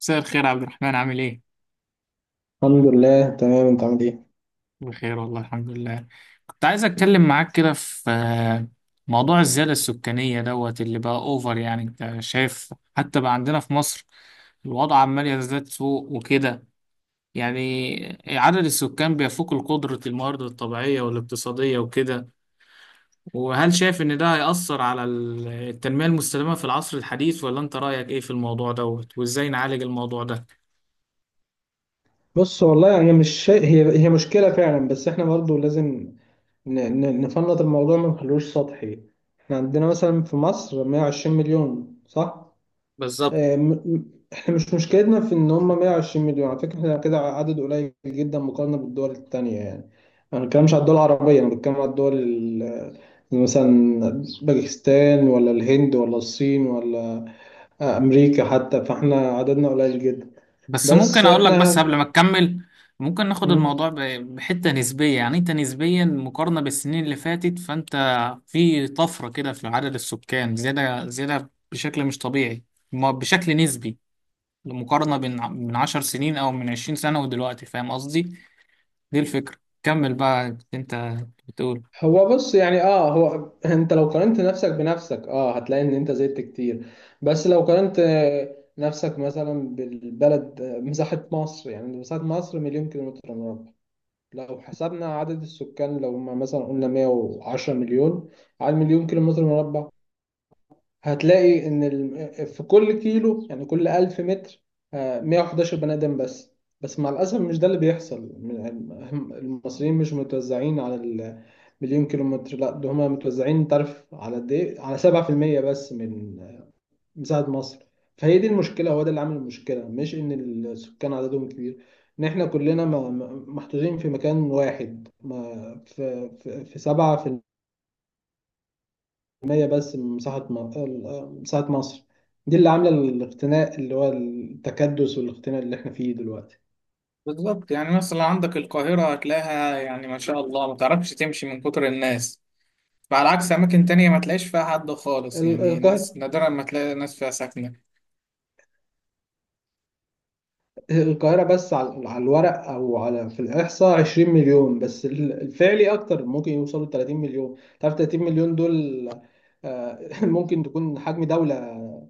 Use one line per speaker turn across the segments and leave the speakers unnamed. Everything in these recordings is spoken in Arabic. مساء الخير يا عبد الرحمن، عامل ايه؟
الحمد لله، تمام. انت عامل ايه؟
بخير والله، الحمد لله. كنت عايز اتكلم معاك كده في موضوع الزيادة السكانية دوت اللي بقى اوفر. يعني انت شايف حتى بقى عندنا في مصر الوضع عمال يزداد سوء وكده. يعني عدد السكان بيفوق القدرة، الموارد الطبيعية والاقتصادية وكده. وهل شايف ان ده هيأثر على التنمية المستدامة في العصر الحديث، ولا انت رأيك ايه في الموضوع دوت وازاي نعالج الموضوع ده؟
بص، والله انا مش شا... هي مشكله فعلا، بس احنا برضو لازم ن... نفنط الموضوع ما نخلوش سطحي. احنا عندنا مثلا في مصر 120 مليون، صح.
بالظبط.
اه م... م- احنا مش مشكلتنا في ان هم 120 مليون. على فكره احنا كده عدد قليل جدا مقارنه بالدول التانية، يعني انا ما بتكلمش على الدول العربيه، انا بتكلم على مثلا باكستان ولا الهند ولا الصين ولا امريكا حتى، فاحنا عددنا قليل جدا.
بس
بس
ممكن اقول لك بس
احنا.
قبل ما تكمل، ممكن ناخد
مم.
الموضوع بحتة نسبية، يعني انت نسبيا مقارنة بالسنين اللي فاتت، فانت في طفرة كده في عدد السكان، زيادة زيادة بشكل مش طبيعي، بشكل نسبي. المقارنة بين من 10 سنين او من 20 سنة ودلوقتي، فاهم قصدي. دي الفكرة. كمل بقى انت، بتقول.
هو، بص يعني. اه هو انت لو قارنت نفسك بنفسك هتلاقي ان انت زدت كتير. بس لو قارنت نفسك مثلا بالبلد. مساحة مصر، يعني مساحة مصر مليون كيلومتر مربع. لو حسبنا عدد السكان لو ما مثلا قلنا 110 مليون على مليون كيلومتر مربع، هتلاقي ان في كل كيلو يعني كل 1000 متر 111 بني ادم بس. بس مع الاسف مش ده اللي بيحصل. المصريين مش متوزعين على المليون كيلومتر. لا، ده هم متوزعين، انت عارف على قد ايه؟ على 7% بس من مساحة مصر. فهي دي المشكلة. هو ده اللي عامل المشكلة، مش ان السكان عددهم كبير. ان احنا كلنا محطوطين في مكان واحد. في 7% مية بس من مساحة مصر. دي اللي عاملة الاختناق، اللي هو التكدس والاختناق اللي احنا فيه دلوقتي.
بالظبط، يعني مثلا عندك القاهرة هتلاقيها يعني ما شاء الله ما تعرفش تمشي من كتر الناس، فعلى عكس أماكن تانية ما تلاقيش فيها حد خالص،
ال-
يعني
القاهرة
ناس نادرا ما تلاقي ناس فيها ساكنة.
القاهرة بس على الورق أو على في الإحصاء 20 مليون، بس الفعلي أكتر، ممكن يوصلوا ل 30 مليون. تعرف 30 مليون دول ممكن تكون حجم دولة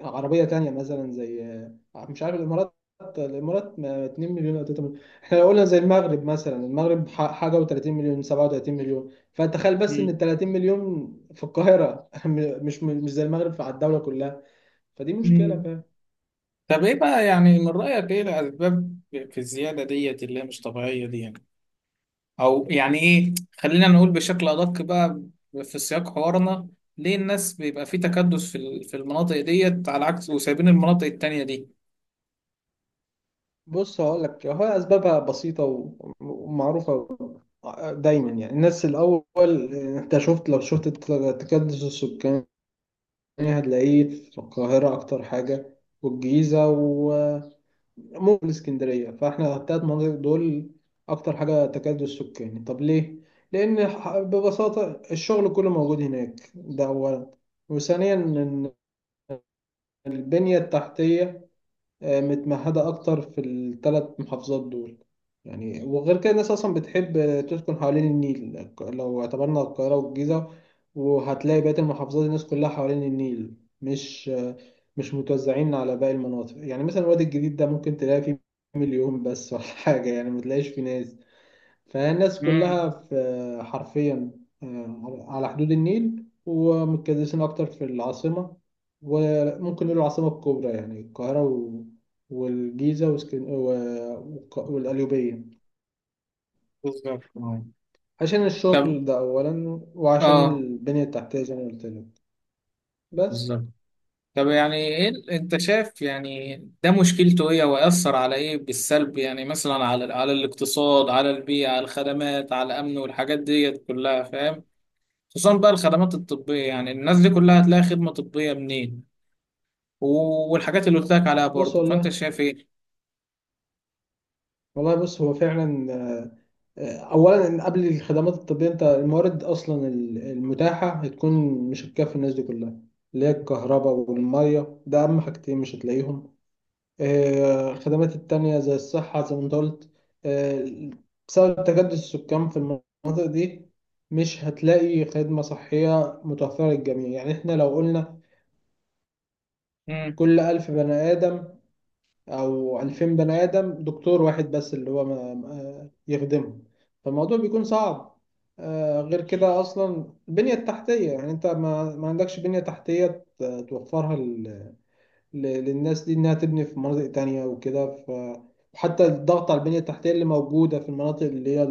عربية تانية، مثلا زي مش عارف، الإمارات. الإمارات ما 2 مليون أو 3 مليون. إحنا لو قلنا زي المغرب، مثلا المغرب حاجة و30 مليون، 37 مليون. فتخيل بس إن
مم.
ال 30 مليون في القاهرة مش زي المغرب على الدولة كلها. فدي
مم.
مشكلة.
طب إيه بقى، يعني من رأيك إيه الأسباب في الزيادة ديت اللي هي مش طبيعية دي، يعني أو يعني إيه، خلينا نقول بشكل أدق بقى في سياق حوارنا، ليه الناس بيبقى في تكدس في في المناطق ديت على عكس وسايبين المناطق التانية دي؟
بص هقول لك، هو اسبابها بسيطه ومعروفه. دايما يعني، الناس الاول. انت شفت لو شفت تكدس السكاني، هتلاقيه في القاهره اكتر حاجه، والجيزه، وممكن الاسكندريه. فاحنا الثلاث مناطق دول اكتر حاجه تكدس سكاني. طب ليه؟ لان ببساطه الشغل كله موجود هناك، ده اولا. وثانيا، ان البنيه التحتيه متمهدة أكتر في الثلاث محافظات دول. يعني وغير كده الناس أصلا بتحب تسكن حوالين النيل، لو اعتبرنا القاهرة والجيزة. وهتلاقي بقية المحافظات الناس كلها حوالين النيل. مش آه، مش متوزعين على باقي المناطق. يعني مثلا الوادي الجديد ده ممكن تلاقي فيه مليون بس، ولا حاجة، يعني متلاقيش فيه ناس. فالناس
مم.
كلها في، حرفيا على حدود النيل، ومتكدسين أكتر في العاصمة. وممكن نقول العاصمة الكبرى، يعني القاهرة و... والجيزة، وسكن... و... والق- والقليوبية،
بالظبط آه.
عشان
طب
الشغل ده أولا، وعشان
آه
البنية التحتية زي ما قلت لك. بس
بالظبط. طب يعني ايه انت شايف يعني ده مشكلته ايه، ويأثر على ايه بالسلب، يعني مثلا على الاقتصاد، على البيئة، على الخدمات، على الأمن والحاجات دي كلها فاهم؟ خصوصا بقى الخدمات الطبية، يعني الناس دي كلها هتلاقي خدمة طبية منين؟ والحاجات اللي قلت لك عليها
بص
برضه، فانت
والله
شايف ايه؟
والله، بص هو فعلا اولا قبل الخدمات الطبيه، انت الموارد اصلا المتاحه هتكون مش هتكفي الناس دي كلها، اللي هي الكهرباء والميه، ده اهم حاجتين مش هتلاقيهم. الخدمات التانية زي الصحه، زي ما انت قلت، آه، بسبب تجدد السكان في المناطق دي مش هتلاقي خدمه صحيه متوفره للجميع. يعني احنا لو قلنا
امم.
كل 1000 بني آدم او 2000 بني ادم دكتور واحد بس اللي هو يخدمهم، فالموضوع بيكون صعب. غير كده، اصلا البنيه التحتيه، يعني انت ما عندكش بنيه تحتيه توفرها للناس دي انها تبني في مناطق تانية وكده، ف. وحتى الضغط على البنيه التحتيه اللي موجوده في المناطق اللي هي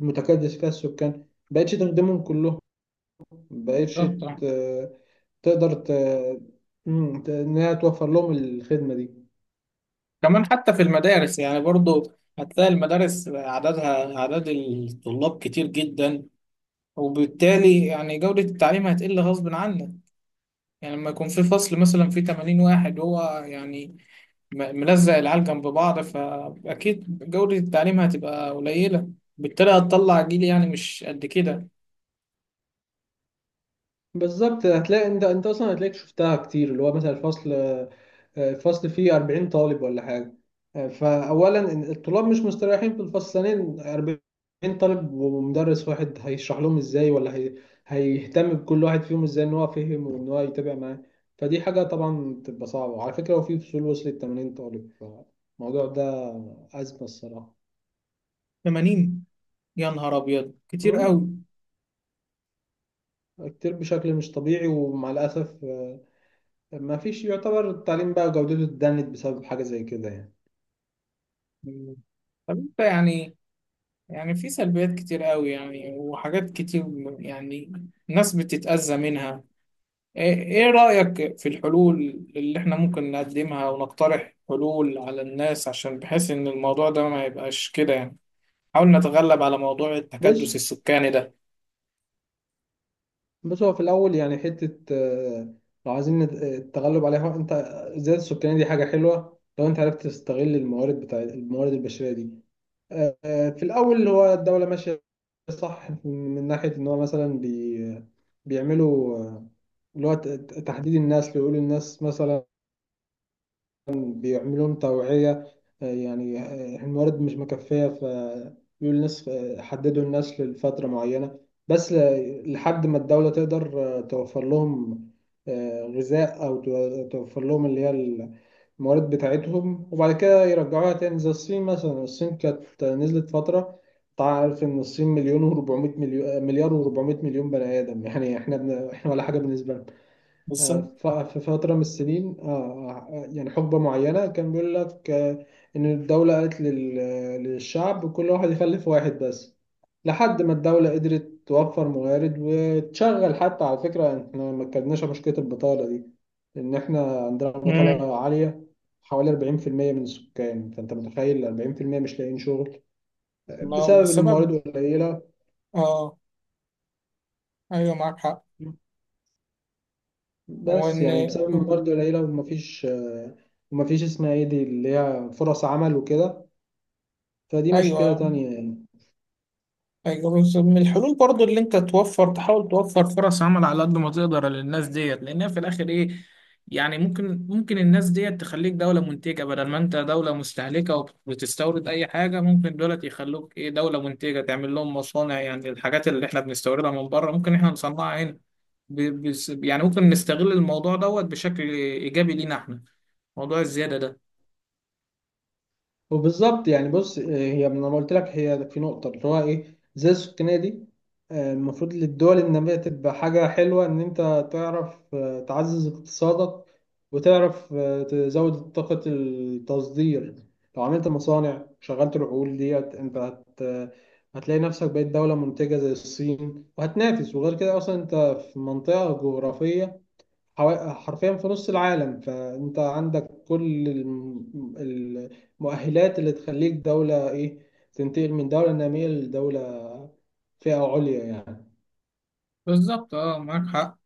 المتكدس فيها السكان، مبقتش تخدمهم كلهم. مبقتش
بالظبط آه.
ت- تقدر انها توفر لهم الخدمه دي.
كمان حتى في المدارس يعني برضه هتلاقي المدارس عددها عدد الطلاب كتير جدا، وبالتالي يعني جودة التعليم هتقل غصب عنك. يعني لما يكون في فصل مثلا فيه 80 واحد، هو يعني ملزق العيال جنب بعض، فأكيد جودة التعليم هتبقى قليلة، بالتالي هتطلع جيل يعني مش قد كده.
بالظبط. انت اصلا هتلاقيك شفتها كتير، اللي هو مثلا الفصل فيه 40 طالب ولا حاجه. فاولا إن الطلاب مش مستريحين في الفصل. ثانيا، 40 طالب ومدرس واحد، هيشرح لهم ازاي؟ ولا هيهتم بكل واحد فيهم ازاي ان هو فهم وان هو يتابع معاه. فدي حاجه طبعا بتبقى صعبه. وعلى فكره، هو في فصول وصلت 80 طالب. فالموضوع ده ازمه الصراحه.
80؟ يا نهار أبيض، كتير
مم.
قوي.
كتير بشكل مش طبيعي، ومع الاسف ما فيش، يعتبر التعليم بقى جودته اتدنت بسبب حاجة زي كده يعني.
مم. طب انت يعني في سلبيات كتير قوي يعني وحاجات كتير، يعني ناس بتتأذى منها. ايه رأيك في الحلول اللي احنا ممكن نقدمها، ونقترح حلول على الناس عشان بحيث ان الموضوع ده ما يبقاش كده، يعني حاول نتغلب على موضوع التكدس
بص.
السكاني ده.
هو في الأول يعني حتة، لو عايزين التغلب عليها. أنت الزيادة السكانية دي حاجة حلوة لو أنت عرفت تستغل الموارد، بتاع الموارد البشرية دي. في الأول، هو الدولة ماشية صح من ناحية إن هو مثلا بيعملوا، اللي هو تحديد الناس، اللي يقولوا الناس مثلا بيعملوا لهم توعية. يعني الموارد مش مكفية، فيقول الناس حددوا الناس لفترة معينة، بس لحد ما الدولة تقدر توفر لهم غذاء أو توفر لهم اللي هي الموارد بتاعتهم. وبعد كده يرجعوها تاني، زي الصين مثلا. الصين كانت نزلت فترة. تعرف إن الصين مليون و400 مليون، مليار و400 مليون بني آدم. يعني إحنا إحنا ولا حاجة بالنسبة.
بالظبط.
في فترة من السنين، يعني حقبة معينة، كان بيقول لك إن الدولة قالت للشعب كل واحد يخلف واحد بس، لحد ما الدولة قدرت توفر موارد وتشغل. حتى على فكرة إحنا ما اتكلمناش عن مشكلة البطالة دي. لأن إحنا عندنا
امم.
بطالة عالية، حوالي 40% من السكان. فأنت متخيل 40% مش لاقيين شغل
ما هو
بسبب إن
بسبب،
الموارد قليلة.
اه، ايوه معاك حق. وان،
بس يعني بسبب برضه العيلة، ومفيش اسمها ايه دي اللي هي فرص عمل وكده. فدي مشكلة
ايوه.
تانية يعني.
أيوة، بس من الحلول برضو اللي انت توفر، تحاول توفر فرص عمل على قد ما تقدر للناس ديت، لانها في الاخر ايه، يعني ممكن الناس ديت تخليك دولة منتجة بدل ما انت دولة مستهلكة وبتستورد اي حاجة. ممكن دولت يخلوك ايه دولة منتجة، تعمل لهم مصانع، يعني الحاجات اللي احنا بنستوردها من بره ممكن احنا نصنعها هنا. يعني ممكن نستغل الموضوع دوت بشكل ايجابي لينا احنا، موضوع الزيادة ده.
وبالظبط، يعني بص هي لما قلت لك، هي في نقطة اللي هو إيه، زي السكانية دي. المفروض للدول النامية تبقى حاجة حلوة إن أنت تعرف تعزز اقتصادك، وتعرف تزود طاقة التصدير. لو عملت مصانع شغلت العقول ديت، أنت هتلاقي نفسك بقيت دولة منتجة زي الصين وهتنافس. وغير كده أصلا أنت في منطقة جغرافية، حرفيا في نص العالم. فانت عندك كل المؤهلات اللي تخليك دولة ايه، تنتقل من دولة نامية لدولة فئة عليا يعني.
بالظبط، اه، معاك حق.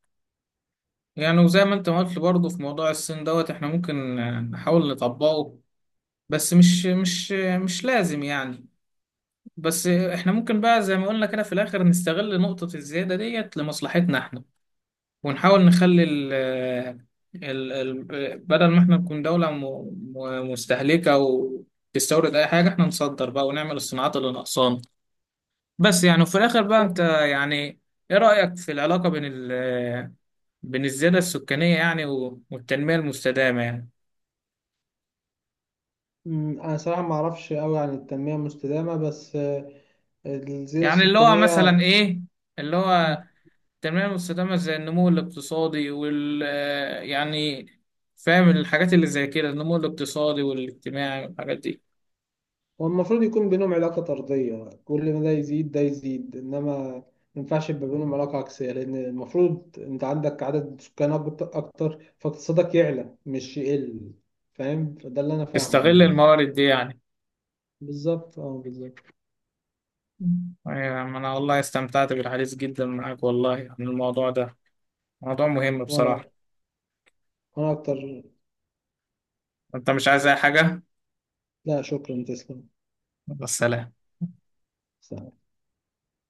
يعني وزي ما انت ما قلت برضه في موضوع الصين دوت احنا ممكن نحاول نطبقه، بس مش لازم يعني. بس احنا ممكن بقى زي ما قلنا كده في الاخر نستغل نقطة الزيادة ديت لمصلحتنا احنا، ونحاول نخلي ال آه، ال ال آه، بدل ما احنا نكون دولة مستهلكة او تستورد اي حاجة، احنا نصدر بقى ونعمل الصناعات اللي ناقصانا. بس يعني، وفي الاخر بقى انت يعني ايه رأيك في العلاقة بين الزيادة السكانية يعني والتنمية المستدامة يعني.
انا صراحة ما اعرفش قوي عن التنمية المستدامة، بس الزيادة
يعني اللي هو
السكانية،
مثلا إيه اللي هو التنمية المستدامة، زي النمو الاقتصادي وال آه، يعني فاهم الحاجات اللي زي كده النمو الاقتصادي والاجتماعي والحاجات دي.
هو المفروض يكون بينهم علاقة طردية، كل ما ده يزيد ده يزيد. إنما ما ينفعش يبقى بينهم علاقة عكسية، لأن المفروض أنت عندك عدد سكان أكتر، فاقتصادك يعلى مش يقل، فاهم؟ فده اللي أنا فاهمه
تستغل
يعني.
الموارد دي يعني.
بالظبط، أه، بالظبط.
أيوة، ما أنا والله استمتعت بالحديث جدا معاك والله عن الموضوع ده، موضوع مهم
وأنا
بصراحة.
وأنا أكتر.
أنت مش عايز أي حاجة؟
لا شكرا، تسلم.
يلا، سلام.